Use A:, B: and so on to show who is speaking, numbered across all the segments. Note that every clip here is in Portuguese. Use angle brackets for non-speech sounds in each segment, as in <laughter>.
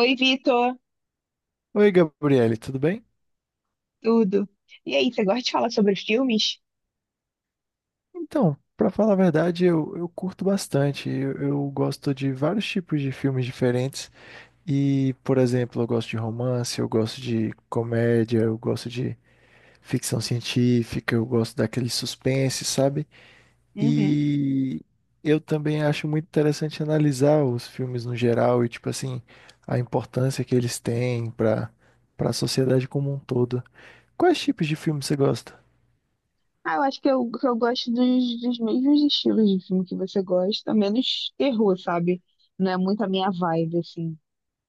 A: Oi, Vitor.
B: Oi, Gabriele, tudo bem?
A: Tudo? E aí, você gosta de falar sobre filmes?
B: Então, pra falar a verdade, eu curto bastante. Eu gosto de vários tipos de filmes diferentes. E, por exemplo, eu gosto de romance, eu gosto de comédia, eu gosto de ficção científica, eu gosto daquele suspense, sabe?
A: Uhum.
B: E eu também acho muito interessante analisar os filmes no geral e, tipo assim, a importância que eles têm pra para a sociedade como um todo. Quais tipos de filmes você gosta?
A: Ah, eu acho que eu gosto dos mesmos estilos de filme que você gosta, menos terror, sabe? Não é muito a minha vibe, assim.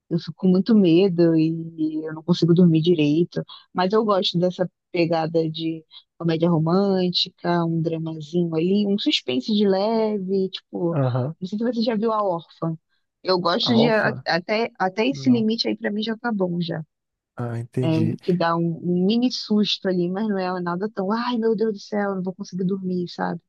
A: Eu fico com muito medo e eu não consigo dormir direito. Mas eu gosto dessa pegada de comédia romântica, um dramazinho ali, um suspense de leve, tipo,
B: Aham.
A: não sei se você já viu A Órfã. Eu gosto de a-
B: Alfa?
A: até, até esse
B: Não.
A: limite aí pra mim já tá bom já.
B: Ah, entendi.
A: Que dá um mini susto ali, mas não é nada tão, ai meu Deus do céu, não vou conseguir dormir, sabe?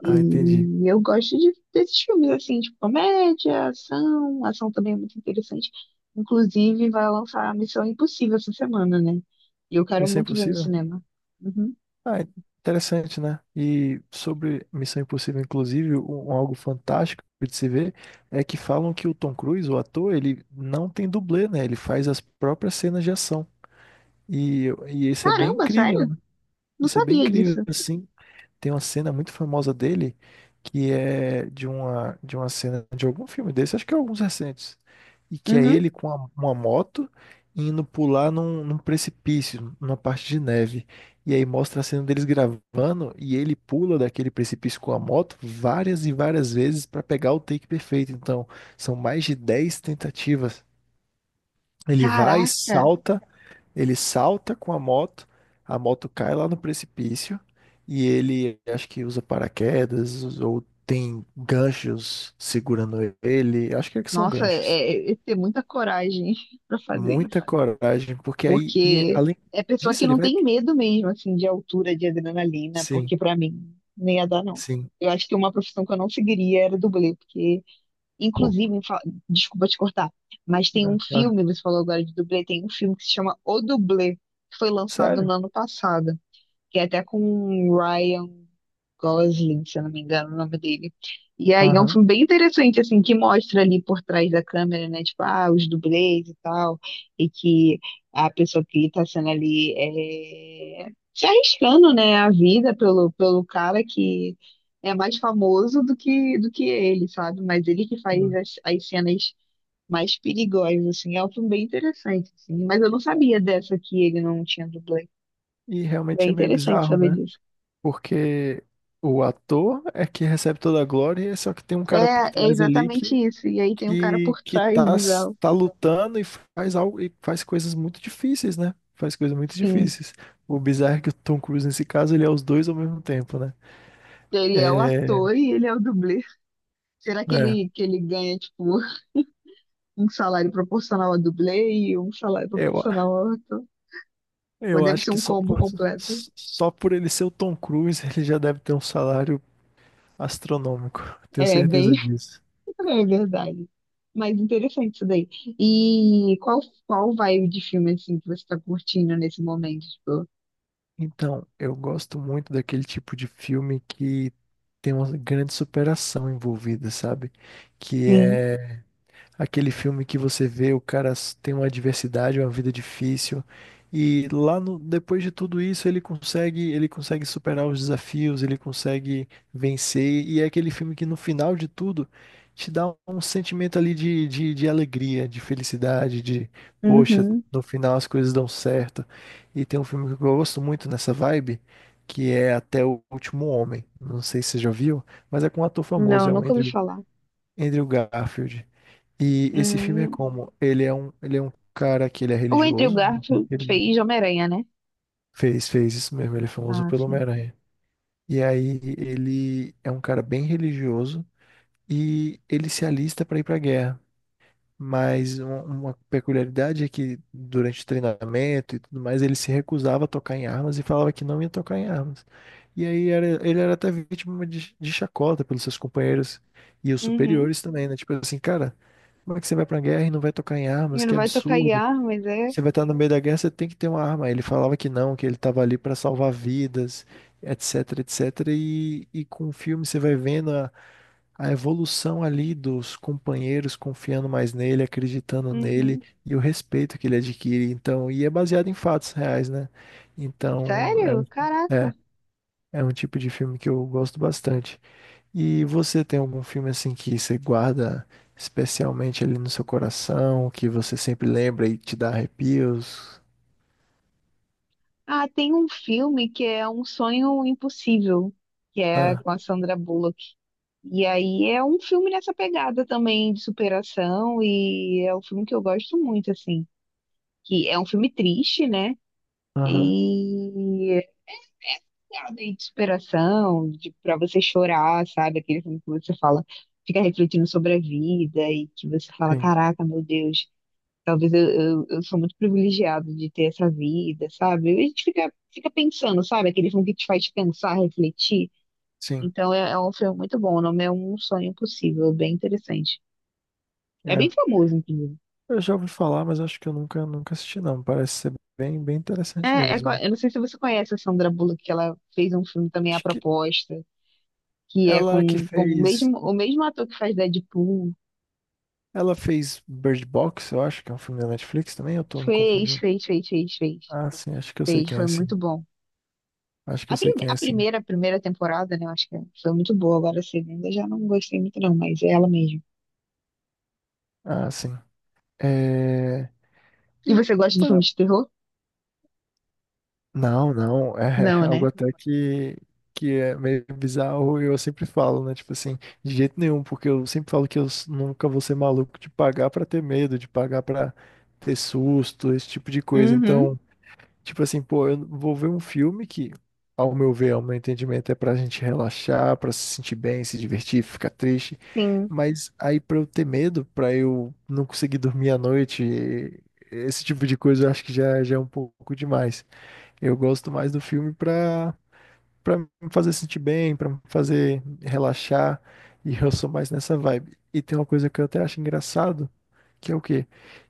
A: E
B: Ah, entendi.
A: eu gosto de, desses filmes assim, tipo comédia, ação, ação também é muito interessante. Inclusive, vai lançar Missão Impossível essa semana, né? E eu quero
B: Missão
A: muito ver no
B: Impossível?
A: cinema. Uhum.
B: Ah, interessante, né? E sobre Missão Impossível, inclusive, um algo fantástico de se ver é que falam que o Tom Cruise, o ator, ele não tem dublê, né? Ele faz as próprias cenas de ação. E isso é bem
A: Caramba,
B: incrível,
A: sério?
B: né?
A: Não
B: Isso é bem
A: sabia
B: incrível,
A: disso.
B: assim. Tem uma cena muito famosa dele que é de uma cena de algum filme desse, acho que é alguns recentes, e que é
A: Uhum.
B: ele com uma moto indo pular num precipício, numa parte de neve. E aí mostra a cena deles gravando e ele pula daquele precipício com a moto várias e várias vezes para pegar o take perfeito. Então, são mais de 10 tentativas. Ele vai,
A: Caraca!
B: salta ele salta com a moto cai lá no precipício e ele acho que usa paraquedas ou tem ganchos segurando ele. Acho que é que são
A: Nossa,
B: ganchos.
A: é, é ter muita coragem <laughs> pra fazer
B: Muita
A: isso.
B: coragem, porque aí, e
A: Porque
B: além
A: é pessoa que
B: disso, ele
A: não
B: vai.
A: tem medo mesmo, assim, de altura, de adrenalina,
B: Sim,
A: porque pra mim nem ia dar, não.
B: sim.
A: Eu acho que uma profissão que eu não seguiria era dublê, porque,
B: Pouco,
A: inclusive, desculpa te cortar, mas tem
B: né?
A: um
B: Claro.
A: filme, você falou agora de dublê, tem um filme que se chama O Dublê, que foi lançado no
B: Sério?
A: ano passado, que é até com o Ryan Gosling, se eu não me engano, o nome dele. E aí é um
B: Aham.
A: filme bem interessante, assim, que mostra ali por trás da câmera, né? Tipo, ah, os dublês e tal, e que a pessoa que tá sendo ali é, se arriscando, né, a vida pelo, pelo cara que é mais famoso do que ele, sabe? Mas ele que faz
B: Sim.
A: as, as cenas mais perigosas, assim, é um filme bem interessante, assim. Mas eu não sabia dessa que ele não tinha dublê.
B: E realmente
A: Bem
B: é meio
A: interessante
B: bizarro,
A: saber
B: né?
A: disso.
B: Porque o ator é que recebe toda a glória, só que tem um cara por
A: É, é
B: trás ali
A: exatamente
B: que
A: isso. E aí tem um cara
B: que
A: por
B: que
A: trás,
B: tá,
A: bizarro.
B: tá lutando e faz algo e faz coisas muito difíceis, né? Faz coisas muito
A: Sim.
B: difíceis. O bizarro é que o Tom Cruise nesse caso ele é os dois ao mesmo tempo, né?
A: Ele é o
B: É,
A: ator e ele é o dublê. Será que
B: é.
A: ele, que ele ganha, tipo, um salário proporcional a dublê e um salário
B: Eu,
A: proporcional ao ator? Ou
B: eu
A: deve
B: acho
A: ser
B: que
A: um combo completo?
B: só por ele ser o Tom Cruise <laughs> ele já deve ter um salário astronômico. Tenho
A: É bem,
B: certeza disso.
A: <laughs> é verdade. Mas interessante isso daí. E qual vibe de filme, assim, que você tá curtindo nesse momento? Tipo,
B: Então, eu gosto muito daquele tipo de filme que tem uma grande superação envolvida, sabe? Que
A: sim.
B: é Aquele filme que você vê, o cara tem uma adversidade, uma vida difícil, e lá no, depois de tudo isso ele consegue, superar os desafios, ele consegue vencer, e é aquele filme que no final de tudo te dá um sentimento ali de alegria, de felicidade, de poxa,
A: Uhum.
B: no final as coisas dão certo. E tem um filme que eu gosto muito nessa vibe, que é Até o Último Homem. Não sei se você já viu, mas é com um ator famoso,
A: Não,
B: é o
A: nunca ouvi falar.
B: Andrew Garfield. E esse filme é
A: Hum.
B: como? Ele é um cara que ele é
A: O Andrew
B: religioso, né?
A: Garfield
B: Ele
A: fez Homem-Aranha, né?
B: fez isso mesmo, ele é famoso
A: Ah,
B: pelo
A: sim.
B: Homem-Aranha. E aí ele é um cara bem religioso e ele se alista para ir para a guerra. Mas uma peculiaridade é que durante o treinamento e tudo mais, ele se recusava a tocar em armas e falava que não ia tocar em armas. E aí ele era até vítima de chacota pelos seus companheiros e os
A: Uhum.
B: superiores também, né? Tipo assim, cara, como é que você vai pra guerra e não vai tocar em armas?
A: E não
B: Que
A: vai tocar em
B: absurdo.
A: mas é?
B: Você vai estar no meio da guerra, você tem que ter uma arma. Ele falava que não, que ele estava ali para salvar vidas, etc, etc. E com o filme você vai vendo a evolução ali dos companheiros confiando mais nele, acreditando nele
A: Uhum.
B: e o respeito que ele adquire. Então, e é baseado em fatos reais, né? Então,
A: Sério? Caraca.
B: é, é um tipo de filme que eu gosto bastante. E você tem algum filme assim que você guarda especialmente ali no seu coração, que você sempre lembra e te dá arrepios?
A: Ah, tem um filme que é Um Sonho Impossível, que é
B: Ah,
A: com a Sandra Bullock. E aí é um filme nessa pegada também de superação e é um filme que eu gosto muito, assim. Que é um filme triste, né?
B: aham,
A: E é essa pegada aí de superação, de para você chorar, sabe? Aquele filme que você fala, fica refletindo sobre a vida e que você fala,
B: sim,
A: caraca, meu Deus. Talvez eu sou muito privilegiado de ter essa vida, sabe? A gente fica pensando, sabe? Aquele filme que te faz pensar, refletir.
B: sim.
A: Então é, é um filme muito bom. O nome é Um Sonho Impossível, bem interessante. É bem
B: É.
A: famoso, inclusive.
B: Eu já ouvi falar, mas acho que eu nunca assisti, não. Parece ser bem, bem interessante
A: É,
B: mesmo.
A: eu não sei se você conhece a Sandra Bullock, que ela fez um filme também, A
B: Acho que
A: Proposta, que é
B: ela que
A: com
B: fez.
A: o mesmo ator que faz Deadpool.
B: Ela fez Bird Box, eu acho, que é um filme da Netflix também, eu tô me
A: Fez,
B: confundindo.
A: fez, fez, fez, fez.
B: Ah, sim, acho que eu sei
A: Fez,
B: quem é,
A: foi
B: sim.
A: muito bom.
B: Acho que
A: A,
B: eu sei
A: prime
B: quem
A: a
B: é, sim.
A: primeira, primeira temporada, né? Eu acho que foi muito boa. Agora a segunda já não gostei muito, não, mas é ela mesmo.
B: Ah, sim. É...
A: E
B: E
A: você gosta de filmes de terror?
B: não, não, é
A: Não,
B: <laughs> algo
A: né?
B: até que é meio bizarro e eu sempre falo, né? Tipo assim, de jeito nenhum, porque eu sempre falo que eu nunca vou ser maluco de pagar pra ter medo, de pagar pra ter susto, esse tipo de coisa.
A: Uhum.
B: Então, tipo assim, pô, eu vou ver um filme que, ao meu ver, ao meu entendimento, é pra gente relaxar, pra se sentir bem, se divertir, ficar triste.
A: Sim,
B: Mas aí pra eu ter medo, pra eu não conseguir dormir à noite, esse tipo de coisa eu acho que já é um pouco demais. Eu gosto mais do filme pra me fazer sentir bem, pra me fazer relaxar, e eu sou mais nessa vibe. E tem uma coisa que eu até acho engraçado, que é o quê?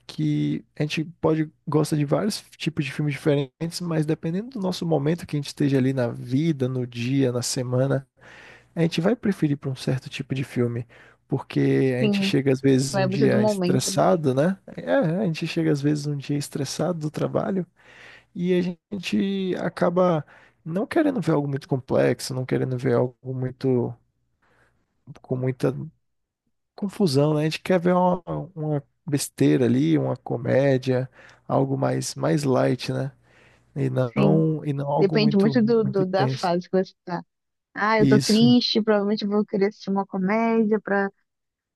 B: Que a gente pode gosta de vários tipos de filmes diferentes, mas dependendo do nosso momento que a gente esteja ali na vida, no dia, na semana, a gente vai preferir para um certo tipo de filme. Porque a gente
A: sim.
B: chega às vezes
A: Vai
B: um
A: muito do
B: dia
A: momento, né?
B: estressado, né? É, a gente chega às vezes um dia estressado do trabalho. E a gente acaba não querendo ver algo muito complexo, não querendo ver algo muito com muita confusão, né? A gente quer ver uma besteira ali, uma comédia, algo mais light, né?
A: Sim.
B: E não algo
A: Depende muito do,
B: muito
A: da
B: tenso.
A: fase que você tá. Ah, eu tô
B: Isso,
A: triste, provavelmente vou querer assistir uma comédia pra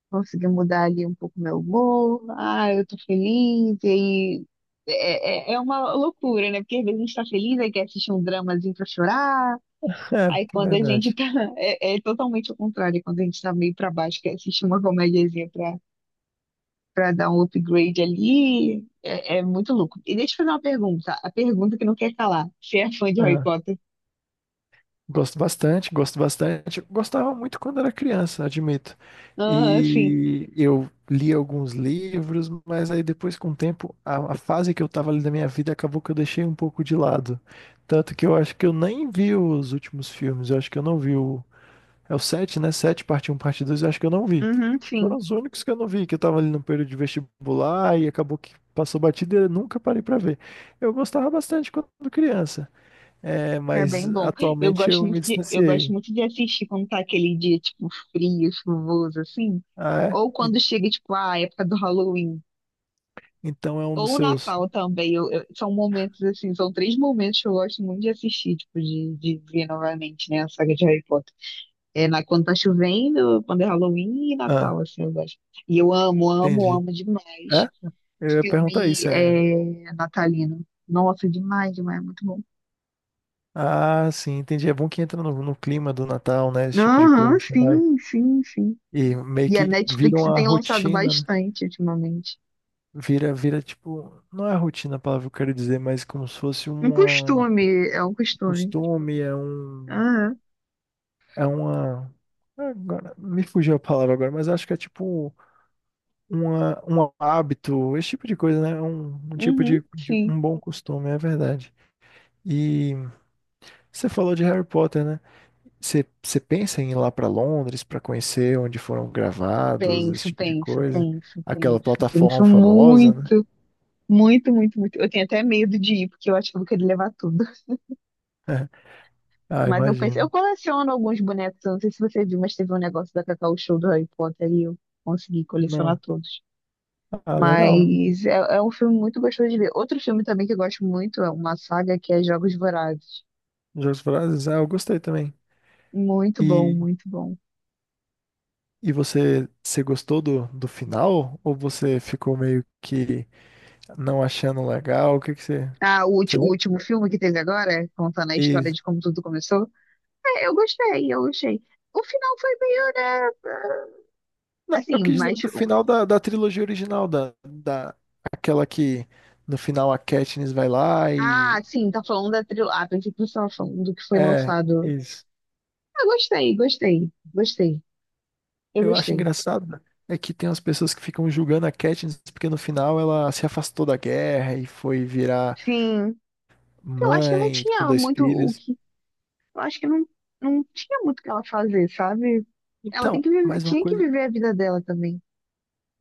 A: conseguir mudar ali um pouco meu humor. Ah, eu tô feliz, e aí. É, é, é uma loucura, né? Porque às vezes a gente tá feliz, aí quer assistir um dramazinho pra chorar.
B: <laughs> é
A: Aí quando a gente
B: verdade.
A: tá. <laughs> É, é totalmente o contrário, quando a gente tá meio pra baixo, que assiste uma comediazinha pra, pra dar um upgrade ali, é, é muito louco. E deixa eu fazer uma pergunta, a pergunta que não quer calar. Você é fã de Harry Potter?
B: Gosto bastante, gosto bastante. Gostava muito quando era criança, admito.
A: Aham, sim.
B: E eu li alguns livros, mas aí depois, com o tempo, a fase que eu tava ali da minha vida acabou que eu deixei um pouco de lado. Tanto que eu acho que eu nem vi os últimos filmes. Eu acho que eu não vi o. É o 7, né? 7, parte um parte 2 eu acho que eu não vi.
A: Uhum,
B: Acho que foram
A: sim.
B: os únicos que eu não vi, que eu tava ali no período de vestibular e acabou que passou batida e eu nunca parei pra ver. Eu gostava bastante quando criança. É,
A: É
B: mas
A: bem bom. Eu
B: atualmente
A: gosto
B: eu
A: muito
B: me
A: de, eu gosto
B: distanciei.
A: muito de assistir quando tá aquele dia, tipo, frio, chuvoso, assim.
B: Ah, é?
A: Ou quando chega, tipo, a época do Halloween.
B: Então é um dos
A: Ou o
B: seus.
A: Natal também. São momentos assim, são três momentos que eu gosto muito de assistir, tipo, de ver novamente, né, a saga de Harry Potter. É na, quando tá chovendo, quando é Halloween e Natal,
B: Ah,
A: assim, eu gosto. E eu amo, amo,
B: entendi.
A: amo demais
B: É? Eu ia perguntar
A: filme
B: isso, é.
A: é, natalino. Nossa, demais, demais, é muito bom.
B: Ah, sim, entendi. É bom que entra no clima do Natal, né? Esse tipo de
A: Aham,
B: coisa. Você vai.
A: sim, sim, sim.
B: E meio
A: E a
B: que vira
A: Netflix
B: uma
A: tem lançado
B: rotina, né?
A: bastante ultimamente.
B: Vira, vira tipo. Não é rotina a palavra que eu quero dizer, mas como se fosse
A: Um
B: um
A: costume, é um costume.
B: costume, é um.
A: Aham,
B: É uma. Agora, me fugiu a palavra agora, mas acho que é tipo uma, um hábito, esse tipo de coisa, né? Um tipo
A: uhum, sim.
B: um bom costume, é verdade. E você falou de Harry Potter, né? Você pensa em ir lá para Londres para conhecer onde foram gravados, esse
A: Penso,
B: tipo de
A: penso,
B: coisa?
A: penso,
B: Aquela
A: penso,
B: plataforma
A: penso
B: famosa, né?
A: muito, muito, muito, muito. Eu tenho até medo de ir, porque eu acho que eu vou querer levar tudo. <laughs>
B: Ah,
A: Mas eu penso,
B: imagino.
A: eu coleciono alguns bonecos, eu não sei se você viu, mas teve um negócio da Cacau Show do Harry Potter e eu consegui colecionar
B: Não.
A: todos.
B: Ah, legal.
A: Mas é, é um filme muito gostoso de ver. Outro filme também que eu gosto muito é uma saga que é Jogos Vorazes.
B: Jogos Vorazes, ah, eu gostei também.
A: Muito bom,
B: E,
A: muito bom.
B: e você gostou do final? Ou você ficou meio que não achando legal? O que que
A: Ah,
B: você
A: o último filme que teve agora, contando a história
B: lembra?
A: de como tudo começou, é, eu gostei, eu gostei. O final foi meio, né?
B: Não, eu
A: Assim,
B: quis dizer
A: mas.
B: do final da trilogia original, aquela que no final a Katniss vai lá
A: Ah,
B: e.
A: sim, tá falando da trilha, ah, pensei que você tava falando do que foi
B: É,
A: lançado.
B: isso.
A: Ah, gostei, gostei, gostei. Eu
B: Eu acho
A: gostei.
B: engraçado é que tem umas pessoas que ficam julgando a Katniss porque no final ela se afastou da guerra e foi virar
A: Sim. Eu acho que não
B: mãe com
A: tinha
B: dois
A: muito o
B: filhos.
A: que. Eu acho que não, não tinha muito o que ela fazer, sabe? Ela tem
B: Então,
A: que viver-
B: mais uma
A: Tinha que
B: coisa.
A: viver a vida dela também,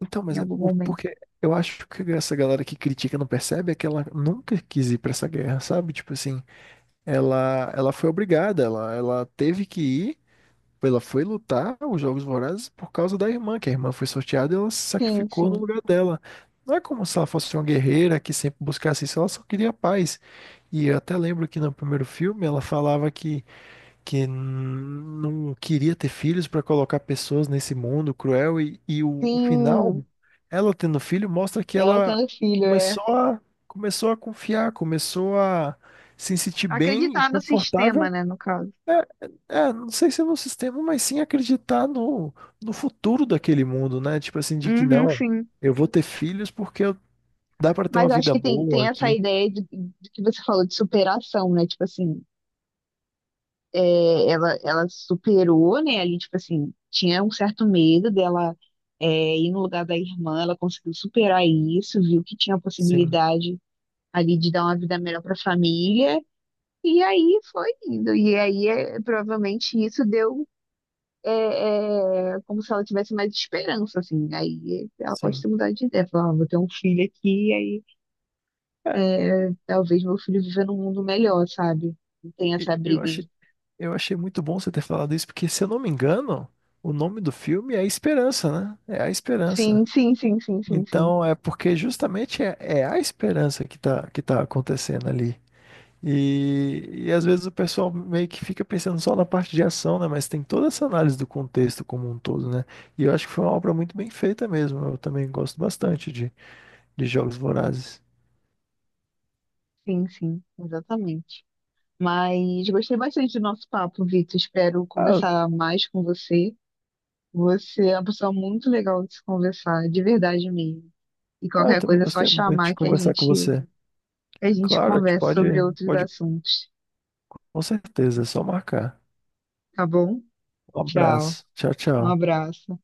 B: Então,
A: em
B: mas
A: algum momento.
B: porque eu acho que essa galera que critica não percebe é que ela nunca quis ir pra essa guerra, sabe? Tipo assim, ela foi obrigada, ela teve que ir. Ela foi lutar os Jogos Vorazes por causa da irmã, que a irmã foi sorteada e ela se
A: Sim,
B: sacrificou no
A: sim.
B: lugar dela. Não é como se ela fosse uma guerreira que sempre buscasse isso, ela só queria paz. E eu até lembro que no primeiro filme ela falava que não queria ter filhos para colocar pessoas nesse mundo cruel, e o final,
A: Sim.
B: ela tendo filho, mostra que
A: Ela
B: ela
A: tendo filho, é.
B: começou a, começou a confiar, começou a se sentir bem e
A: Acreditar no sistema,
B: confortável
A: né, no caso.
B: é, não sei se é no sistema, mas sim acreditar no futuro daquele mundo, né? Tipo assim, de que
A: Uhum,
B: não,
A: sim.
B: eu vou ter filhos porque dá pra ter uma
A: Mas eu acho
B: vida
A: que tem,
B: boa
A: tem essa
B: aqui.
A: ideia de que você falou de superação, né? Tipo assim. É, ela superou, né? Ali, tipo assim, tinha um certo medo dela é, ir no lugar da irmã, ela conseguiu superar isso, viu que tinha a
B: Sim,
A: possibilidade ali de dar uma vida melhor para a família, e aí foi indo. E aí, é, provavelmente, isso deu. É, é, como se ela tivesse mais esperança, assim. Aí ela pode
B: sim.
A: ter mudado de ideia, falar, ah, vou ter um filho aqui, e aí
B: É,
A: é, talvez meu filho viva num mundo melhor, sabe? Não tem
B: e
A: essa
B: eu
A: briga. Aí.
B: achei, eu achei muito bom você ter falado isso, porque se eu não me engano, o nome do filme é A Esperança, né? É A
A: Sim,
B: Esperança.
A: sim, sim, sim, sim, sim.
B: Então, é porque justamente é a esperança que tá acontecendo ali. E às vezes o pessoal meio que fica pensando só na parte de ação, né? Mas tem toda essa análise do contexto como um todo, né? E eu acho que foi uma obra muito bem feita mesmo. Eu também gosto bastante de Jogos Vorazes.
A: Sim, sim, exatamente. Mas gostei bastante do nosso papo, Vitor. Espero
B: Ah, eu,
A: conversar mais com você. Você é uma pessoa muito legal de se conversar, de verdade mesmo. E
B: ah, eu
A: qualquer
B: também
A: coisa é só
B: gostei muito de
A: chamar
B: conversar com você.
A: que a gente
B: Claro, a gente
A: conversa sobre outros
B: pode,
A: assuntos,
B: com certeza, é só marcar.
A: tá bom?
B: Um
A: Tchau,
B: abraço. Tchau,
A: um
B: tchau.
A: abraço.